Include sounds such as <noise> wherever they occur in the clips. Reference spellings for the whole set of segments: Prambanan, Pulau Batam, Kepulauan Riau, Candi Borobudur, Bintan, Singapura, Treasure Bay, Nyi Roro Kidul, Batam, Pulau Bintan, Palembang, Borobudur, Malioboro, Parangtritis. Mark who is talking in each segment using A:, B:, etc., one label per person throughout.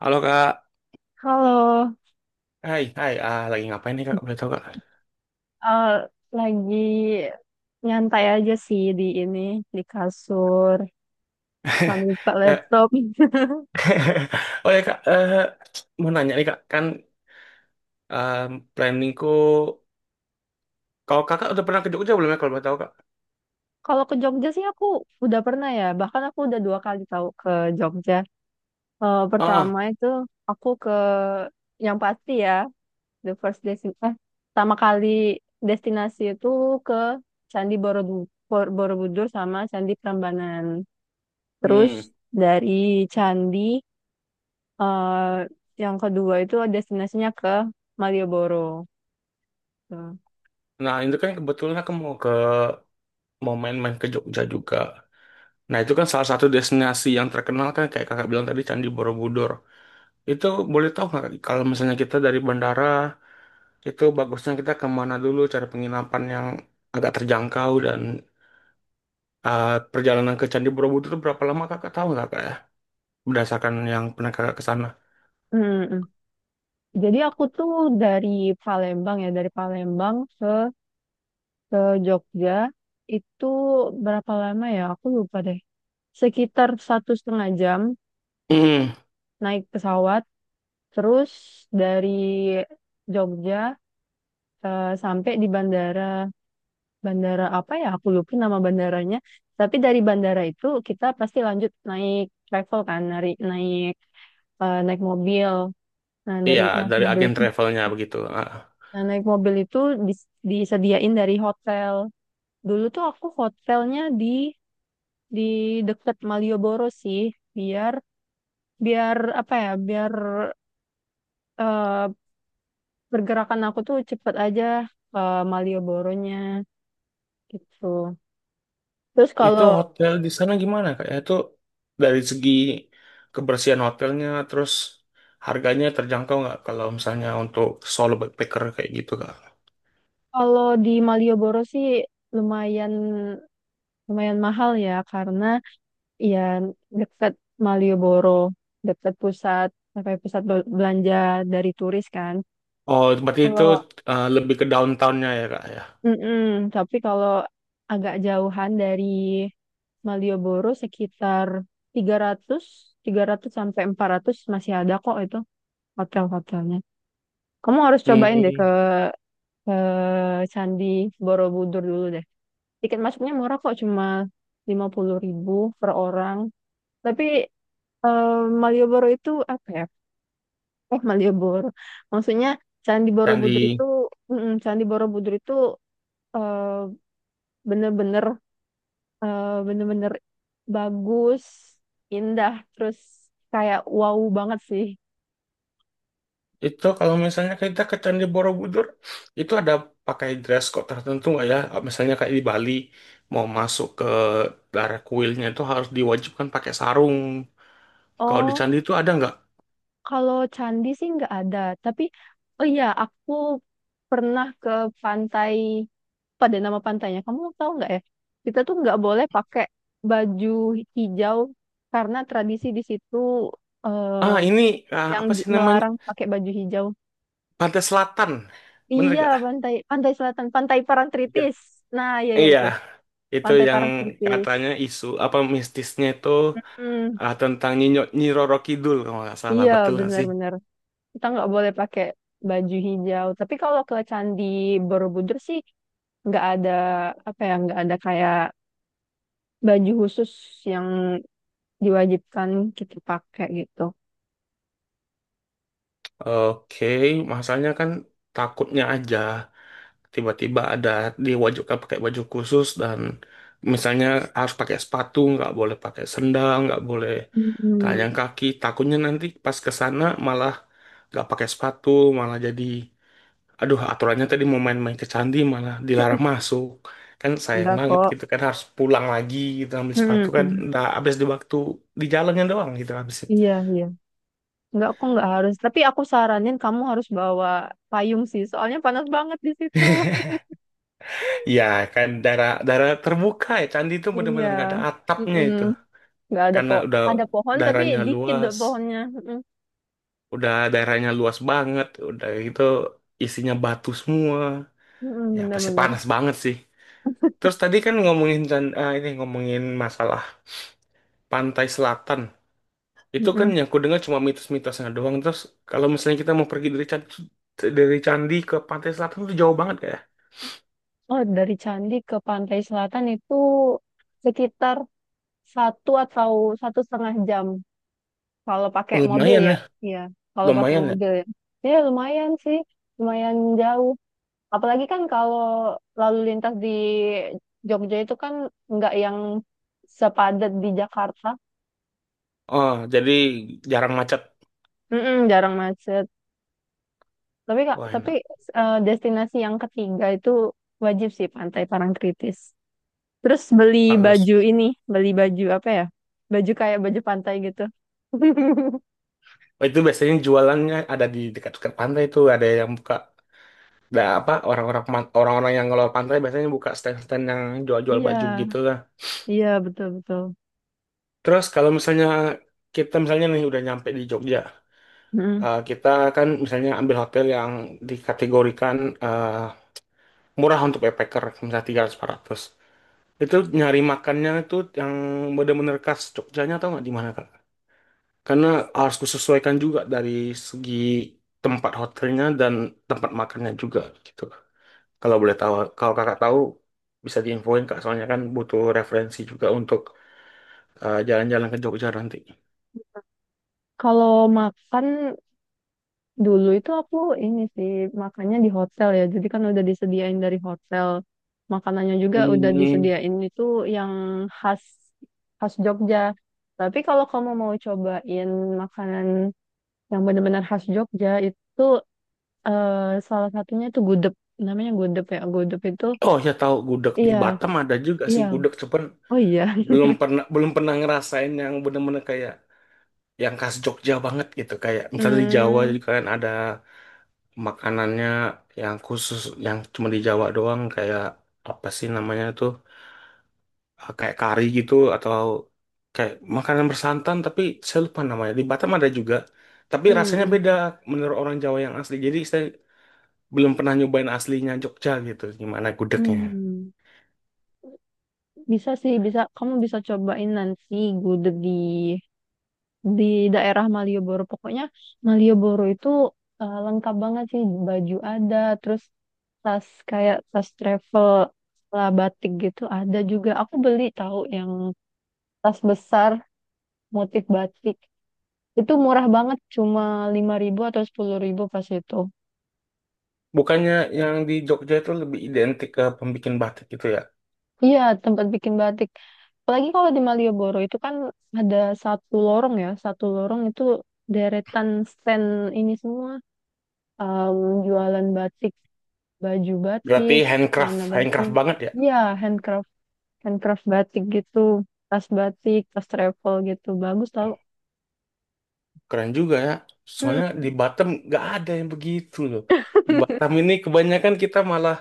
A: Halo Kak,
B: Halo,
A: hai, hai, lagi ngapain nih Kak? Boleh tahu Kak?
B: eh, lagi nyantai aja sih di ini, di kasur, sambil buka
A: <laughs> Eh,
B: laptop. <laughs>
A: <laughs> oh ya Kak, mau nanya nih Kak, kan em, planningku, kalau kakak udah pernah ke Jogja belum ya kalau boleh tahu Kak?
B: Kalau ke Jogja sih aku udah pernah ya, bahkan aku udah dua kali tahu ke Jogja.
A: Ah,
B: Pertama itu aku ke yang pasti ya, the first destination, pertama kali destinasi itu ke Candi Borobudur sama Candi Prambanan. Terus
A: hmm.
B: dari Candi eh yang kedua itu destinasinya ke Malioboro. Tuh.
A: Nah itu kan kebetulan aku mau main-main ke Jogja juga. Nah itu kan salah satu destinasi yang terkenal kan kayak kakak bilang tadi Candi Borobudur. Itu boleh tahu nggak Kak, kalau misalnya kita dari bandara itu bagusnya kita kemana dulu cari penginapan yang agak terjangkau dan perjalanan ke Candi Borobudur itu berapa lama kakak tahu nggak Kak ya? Berdasarkan yang pernah kakak ke sana.
B: Mm, mm. Jadi aku tuh dari Palembang ya, dari Palembang ke Jogja itu berapa lama ya? Aku lupa deh. Sekitar 1,5 jam
A: Hmm,
B: naik pesawat, terus dari Jogja sampai di bandara, bandara apa ya? Aku lupa nama bandaranya. Tapi dari bandara itu kita pasti lanjut naik travel kan, naik naik eh, naik mobil. Nah, dari
A: iya,
B: naik
A: dari
B: mobil
A: agen
B: itu,
A: travelnya begitu.
B: nah, naik mobil itu disediain dari hotel. Dulu tuh aku hotelnya di deket Malioboro sih, biar biar apa ya, biar eh, pergerakan aku tuh cepet aja ke Malioboronya gitu. Terus
A: Itu
B: kalau
A: hotel di sana gimana Kak ya? Itu dari segi kebersihan hotelnya, terus harganya terjangkau nggak kalau misalnya untuk solo backpacker kayak gitu Kak?
B: kalau di Malioboro sih lumayan lumayan mahal ya karena iya, dekat Malioboro, dekat pusat, sampai pusat belanja dari turis kan.
A: Oh, berarti itu
B: Kalau,
A: lebih ke downtownnya ya Kak ya?
B: mm tapi kalau agak jauhan dari Malioboro sekitar tiga ratus tiga ratus sampai 400 masih ada kok itu hotel-hotelnya. Kamu harus cobain deh ke,
A: Hmm.
B: ke Candi Borobudur dulu deh. Tiket masuknya murah kok, cuma 50 ribu per orang. Tapi eh, Malioboro itu apa ya? Eh, Malioboro. Maksudnya Candi Borobudur itu,
A: Candi.
B: Candi Borobudur itu eh, bener-bener eh, bener-bener bagus, indah, terus kayak wow banget sih.
A: Itu kalau misalnya kita ke Candi Borobudur, itu ada pakai dress code tertentu nggak ya? Misalnya kayak di Bali, mau masuk ke daerah kuilnya itu harus diwajibkan pakai sarung. Kalau di
B: Oh,
A: Candi itu ada nggak?
B: kalau candi sih nggak ada, tapi oh iya aku pernah ke pantai, pada nama pantainya, kamu tahu nggak ya? Kita tuh nggak boleh pakai baju hijau karena tradisi di situ
A: Ah,
B: eh,
A: ini
B: yang
A: apa sih namanya?
B: melarang pakai baju hijau.
A: Pantai Selatan. Bener
B: Iya,
A: nggak?
B: pantai pantai Selatan, Pantai
A: Iya.
B: Parangtritis. Nah, iya, iya
A: Iya,
B: itu,
A: itu
B: Pantai
A: yang
B: Parangtritis.
A: katanya isu apa mistisnya itu
B: Hmm,
A: tentang Nyinyo, Nyi Roro Kidul kalau nggak salah.
B: iya,
A: Betul nggak sih?
B: benar-benar. Kita nggak boleh pakai baju hijau. Tapi kalau ke Candi Borobudur sih nggak ada nggak ada kayak baju khusus yang diwajibkan kita pakai gitu.
A: Oke, masalahnya kan takutnya aja. Tiba-tiba ada diwajibkan pakai baju khusus dan misalnya harus pakai sepatu, nggak boleh pakai sendal, nggak boleh
B: Hmm,
A: telanjang kaki. Takutnya nanti pas ke sana malah nggak pakai sepatu, malah jadi aduh aturannya tadi mau main-main ke candi malah dilarang masuk. Kan sayang
B: enggak
A: banget
B: kok.
A: gitu kan harus pulang lagi gitu ambil sepatu
B: Hmm,
A: kan
B: hmm.
A: udah habis di waktu di jalannya doang gitu habisnya.
B: Iya, iya. Enggak kok nggak harus. Tapi aku saranin kamu harus bawa payung sih. Soalnya panas banget di situ.
A: <laughs> Ya kan daerah daerah terbuka ya candi itu
B: Iya.
A: benar-benar nggak ada atapnya
B: Mm-mm.
A: itu.
B: Nggak ada
A: Karena
B: ada pohon tapi
A: daerahnya
B: dikit
A: luas,
B: pohonnya. Mm-mm.
A: udah daerahnya luas banget, udah gitu isinya batu semua,
B: Mm-mm,
A: ya pasti
B: bener-bener.
A: panas banget sih. Terus tadi kan ini ngomongin masalah pantai selatan. Itu kan
B: Mm-mm.
A: yang aku dengar cuma mitos-mitosnya doang. Terus kalau misalnya kita mau pergi dari candi ke pantai selatan itu jauh banget kayak.
B: Oh, dari Candi ke Pantai Selatan itu sekitar 1 atau 1,5 jam kalau pakai
A: Oh,
B: mobil
A: lumayan
B: ya.
A: ya,
B: Iya, kalau pakai
A: lumayan ya.
B: mobil ya. Ya lumayan sih, lumayan jauh. Apalagi kan kalau lalu lintas di Jogja itu kan nggak yang sepadat di Jakarta.
A: Oh, jadi jarang macet.
B: Mm-mm, jarang macet. Tapi Kak,
A: Wah, enak.
B: destinasi yang ketiga itu wajib sih Pantai Parangtritis. Terus beli
A: Bagus.
B: baju ini, beli baju apa ya? Baju kayak baju pantai gitu. <laughs>
A: Oh, itu biasanya jualannya ada di dekat-dekat pantai itu, ada yang buka. Nah, apa orang-orang yang ngelola pantai biasanya buka stand-stand yang jual-jual
B: Iya,
A: baju gitu lah.
B: iya betul betul.
A: Terus kalau misalnya kita misalnya nih udah nyampe di Jogja,
B: Mm.
A: eh, kita kan misalnya ambil hotel yang dikategorikan eh, murah untuk backpacker, misalnya 300 400. Itu nyari makannya itu yang bener-bener khas Jogjanya atau nggak di mana, Kak? Karena harus kusesuaikan juga dari segi tempat hotelnya dan tempat makannya juga gitu. Kalau boleh tahu, kalau kakak tahu bisa diinfoin Kak, soalnya kan butuh referensi juga untuk jalan-jalan ke Jogja nanti.
B: Kalau makan dulu itu aku ini sih makannya di hotel ya. Jadi kan udah disediain dari hotel. Makanannya juga udah
A: Hmm.
B: disediain itu yang khas khas Jogja. Tapi kalau kamu mau cobain makanan yang benar-benar khas Jogja itu eh, salah satunya itu gudeg namanya gudeg ya gudeg itu
A: Oh ya tahu, gudeg di
B: iya
A: Batam ada juga sih
B: iya
A: gudeg, cuman
B: oh iya <laughs>
A: belum pernah ngerasain yang bener-bener kayak yang khas Jogja banget gitu. Kayak misalnya di Jawa
B: Hmm,
A: juga kan ada makanannya yang khusus yang cuma di Jawa doang kayak apa sih namanya tuh? Kayak kari gitu atau kayak makanan bersantan tapi saya lupa namanya. Di Batam ada juga, tapi rasanya
B: hmm,
A: beda menurut orang Jawa yang asli. Jadi saya belum pernah nyobain aslinya Jogja gitu, gimana gudegnya.
B: Hmm, Bisa sih bisa kamu bisa cobain nanti gudeg di daerah Malioboro pokoknya Malioboro itu lengkap banget sih baju ada terus tas kayak tas travel lah batik gitu ada juga aku beli tahu yang tas besar motif batik. Itu murah banget, cuma 5 ribu atau 10 ribu pas itu.
A: Bukannya yang di Jogja itu lebih identik ke pembikin batik gitu ya?
B: Iya, tempat bikin batik. Apalagi kalau di Malioboro itu kan ada satu lorong ya, satu lorong itu deretan stand ini semua. Em, Jualan batik, baju
A: Berarti
B: batik,
A: handcraft,
B: celana batik.
A: handcraft banget ya?
B: Iya, handcraft, handcraft batik gitu, tas batik, tas travel gitu. Bagus tau.
A: Keren juga ya.
B: Mm.
A: Soalnya di Batam nggak ada yang begitu loh. Di
B: <laughs>
A: Batam ini kebanyakan kita malah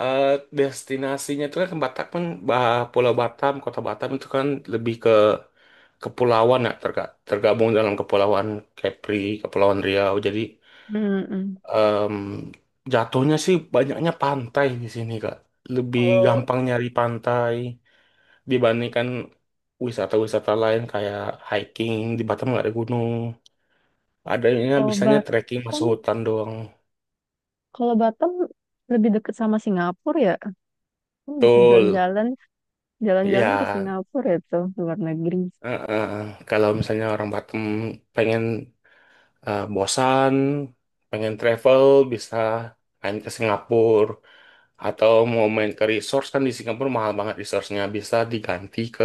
A: eh, destinasinya itu kan ke Batam kan, Pulau Batam, Kota Batam itu kan lebih kepulauan ya tergabung dalam kepulauan Kepri, Kepulauan Riau. Jadi
B: Mm-mm.
A: em, jatuhnya sih banyaknya pantai di sini Kak. Lebih
B: Kalau
A: gampang nyari pantai dibandingkan wisata-wisata lain kayak hiking di Batam nggak ada gunung. Adanya
B: kalau
A: bisanya trekking
B: Batam,
A: masuk hutan doang.
B: kalau Batam lebih dekat sama Singapura ya. Oh, bisa
A: Betul.
B: jalan-jalan ke
A: Ya,
B: Singapura itu luar negeri.
A: eh, eh, kalau misalnya orang Batam pengen eh, bosan, pengen travel bisa main ke Singapura. Atau mau main ke resource kan di Singapura mahal banget resource-nya. Bisa diganti ke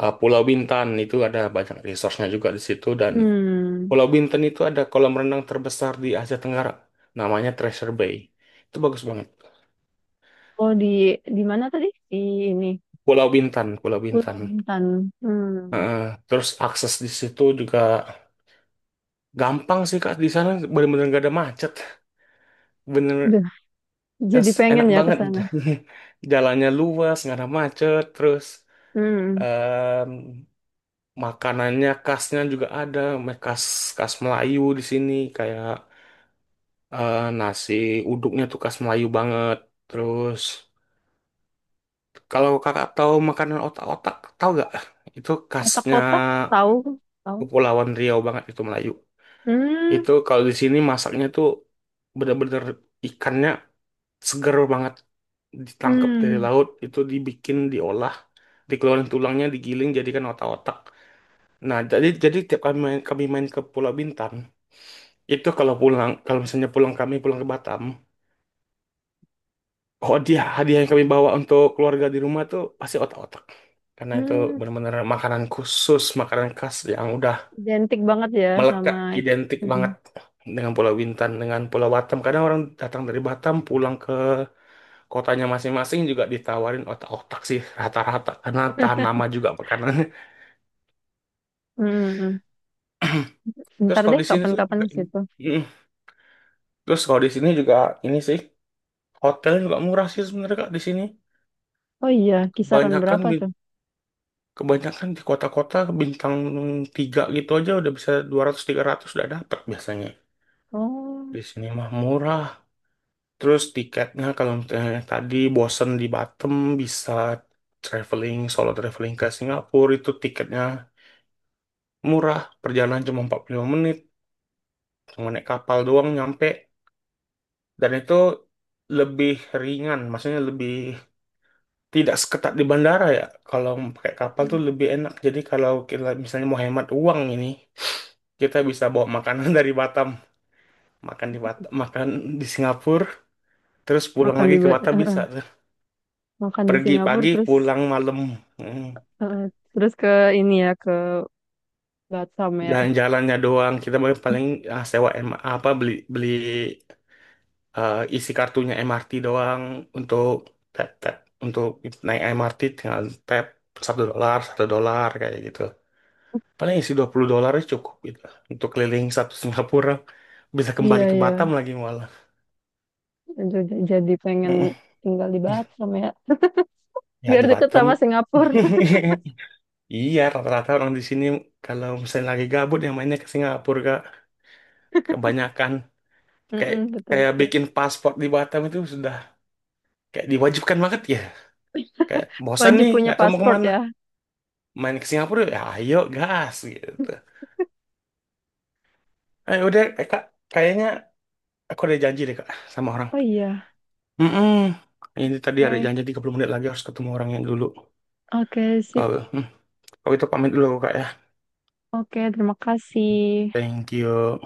A: Pulau Bintan. Itu ada banyak resource-nya juga di situ. Dan
B: Hmm,
A: Pulau Bintan itu ada kolam renang terbesar di Asia Tenggara. Namanya Treasure Bay. Itu bagus banget.
B: Oh, di mana tadi? Di ini,
A: Pulau Bintan, Pulau
B: Pulau
A: Bintan.
B: Bintan. hmm,
A: Heeh. Terus akses di situ juga gampang sih Kak. Di sana bener-bener gak ada macet. Bener
B: Duh,
A: es,
B: jadi pengen
A: enak
B: ya ke
A: banget.
B: sana.
A: <laughs> Jalannya luas, nggak ada macet. Terus
B: hmm,
A: mmm, makanannya khasnya juga ada khas khas Melayu di sini kayak nasi uduknya tuh khas Melayu banget. Terus kalau kakak tahu makanan otak-otak tahu gak, itu khasnya
B: Kotak-kotak tahu, tahu.
A: Kepulauan Riau banget itu Melayu.
B: hmm,
A: Itu kalau di sini masaknya tuh bener-bener ikannya seger banget ditangkap dari
B: hmm,
A: laut itu dibikin diolah dikeluarin tulangnya digiling jadikan otak-otak. Nah jadi tiap kami main ke Pulau Bintan. Itu kalau pulang, kalau misalnya pulang kami pulang ke Batam, oh dia hadiah yang kami bawa untuk keluarga di rumah tuh pasti otak-otak. Karena itu
B: Hmm,
A: benar-benar makanan khusus, makanan khas yang udah
B: Identik banget ya sama
A: melekat identik
B: ini.
A: banget dengan Pulau Bintan, dengan Pulau Batam. Kadang orang datang dari Batam pulang ke kotanya masing-masing juga ditawarin otak-otak sih rata-rata karena tahan lama juga makanannya.
B: hmm, hmm.
A: Terus
B: Bentar
A: kalau
B: deh,
A: di sini tuh
B: kapan-kapan
A: juga
B: ke
A: ini.
B: situ.
A: Mm. Terus kalau di sini juga ini sih hotel juga murah sih sebenarnya Kak di sini.
B: Oh iya, kisaran
A: Kebanyakan
B: berapa tuh?
A: Kebanyakan di kota-kota bintang 3 gitu aja udah bisa 200 300 udah dapet biasanya.
B: Oh,
A: Di sini mah murah. Terus tiketnya kalau misalnya tadi bosen di Batam bisa traveling, solo traveling ke Singapura itu tiketnya murah. Perjalanan cuma 45 menit, cuma naik kapal doang nyampe. Dan itu lebih ringan, maksudnya lebih tidak seketat di bandara ya. Kalau pakai kapal
B: Hmm.
A: tuh lebih enak. Jadi kalau kita misalnya mau hemat uang ini, kita bisa bawa makanan <laughs> dari Batam makan di Singapura terus pulang
B: makan di
A: lagi ke
B: Ba-
A: Batam
B: eh,
A: bisa tuh.
B: Makan di
A: Pergi
B: Singapura
A: pagi pulang malam. Hmm.
B: eh, terus ke ini ya ke Batam ya.
A: Jalan-jalannya doang kita paling paling, ah, sewa M- apa beli beli eh, isi kartunya MRT doang untuk tap tap untuk naik MRT tinggal tap, 1 dolar 1 dolar kayak gitu, paling isi 20 dolar cukup gitu untuk keliling satu Singapura bisa
B: Iya,
A: kembali ke
B: iya.
A: Batam lagi malah.
B: Jadi, pengen
A: Mm-mm.
B: tinggal di Batam ya.
A: Ya
B: Biar
A: di
B: deket
A: Batam.
B: sama Singapura. <laughs>
A: <laughs> Iya, rata-rata orang di sini kalau misalnya lagi gabut yang mainnya ke Singapura, Kak. Kebanyakan kayak
B: Mm-mm, betul,
A: kayak
B: betul.
A: bikin paspor di Batam itu sudah kayak diwajibkan banget ya. Kayak bosan
B: Wajib
A: nih,
B: punya
A: nggak tahu mau
B: paspor
A: kemana.
B: ya.
A: Main ke Singapura, ya ayo gas gitu. Eh udah, Kak, kayaknya aku ada janji deh Kak sama orang.
B: Oh iya.
A: Mm-mm. Ini tadi ada
B: Oke.
A: janji 30 menit lagi harus ketemu orang yang dulu.
B: Oke, sip.
A: Kalau hmm, kalau itu pamit dulu Kak ya.
B: Oke, terima kasih.
A: Thank you.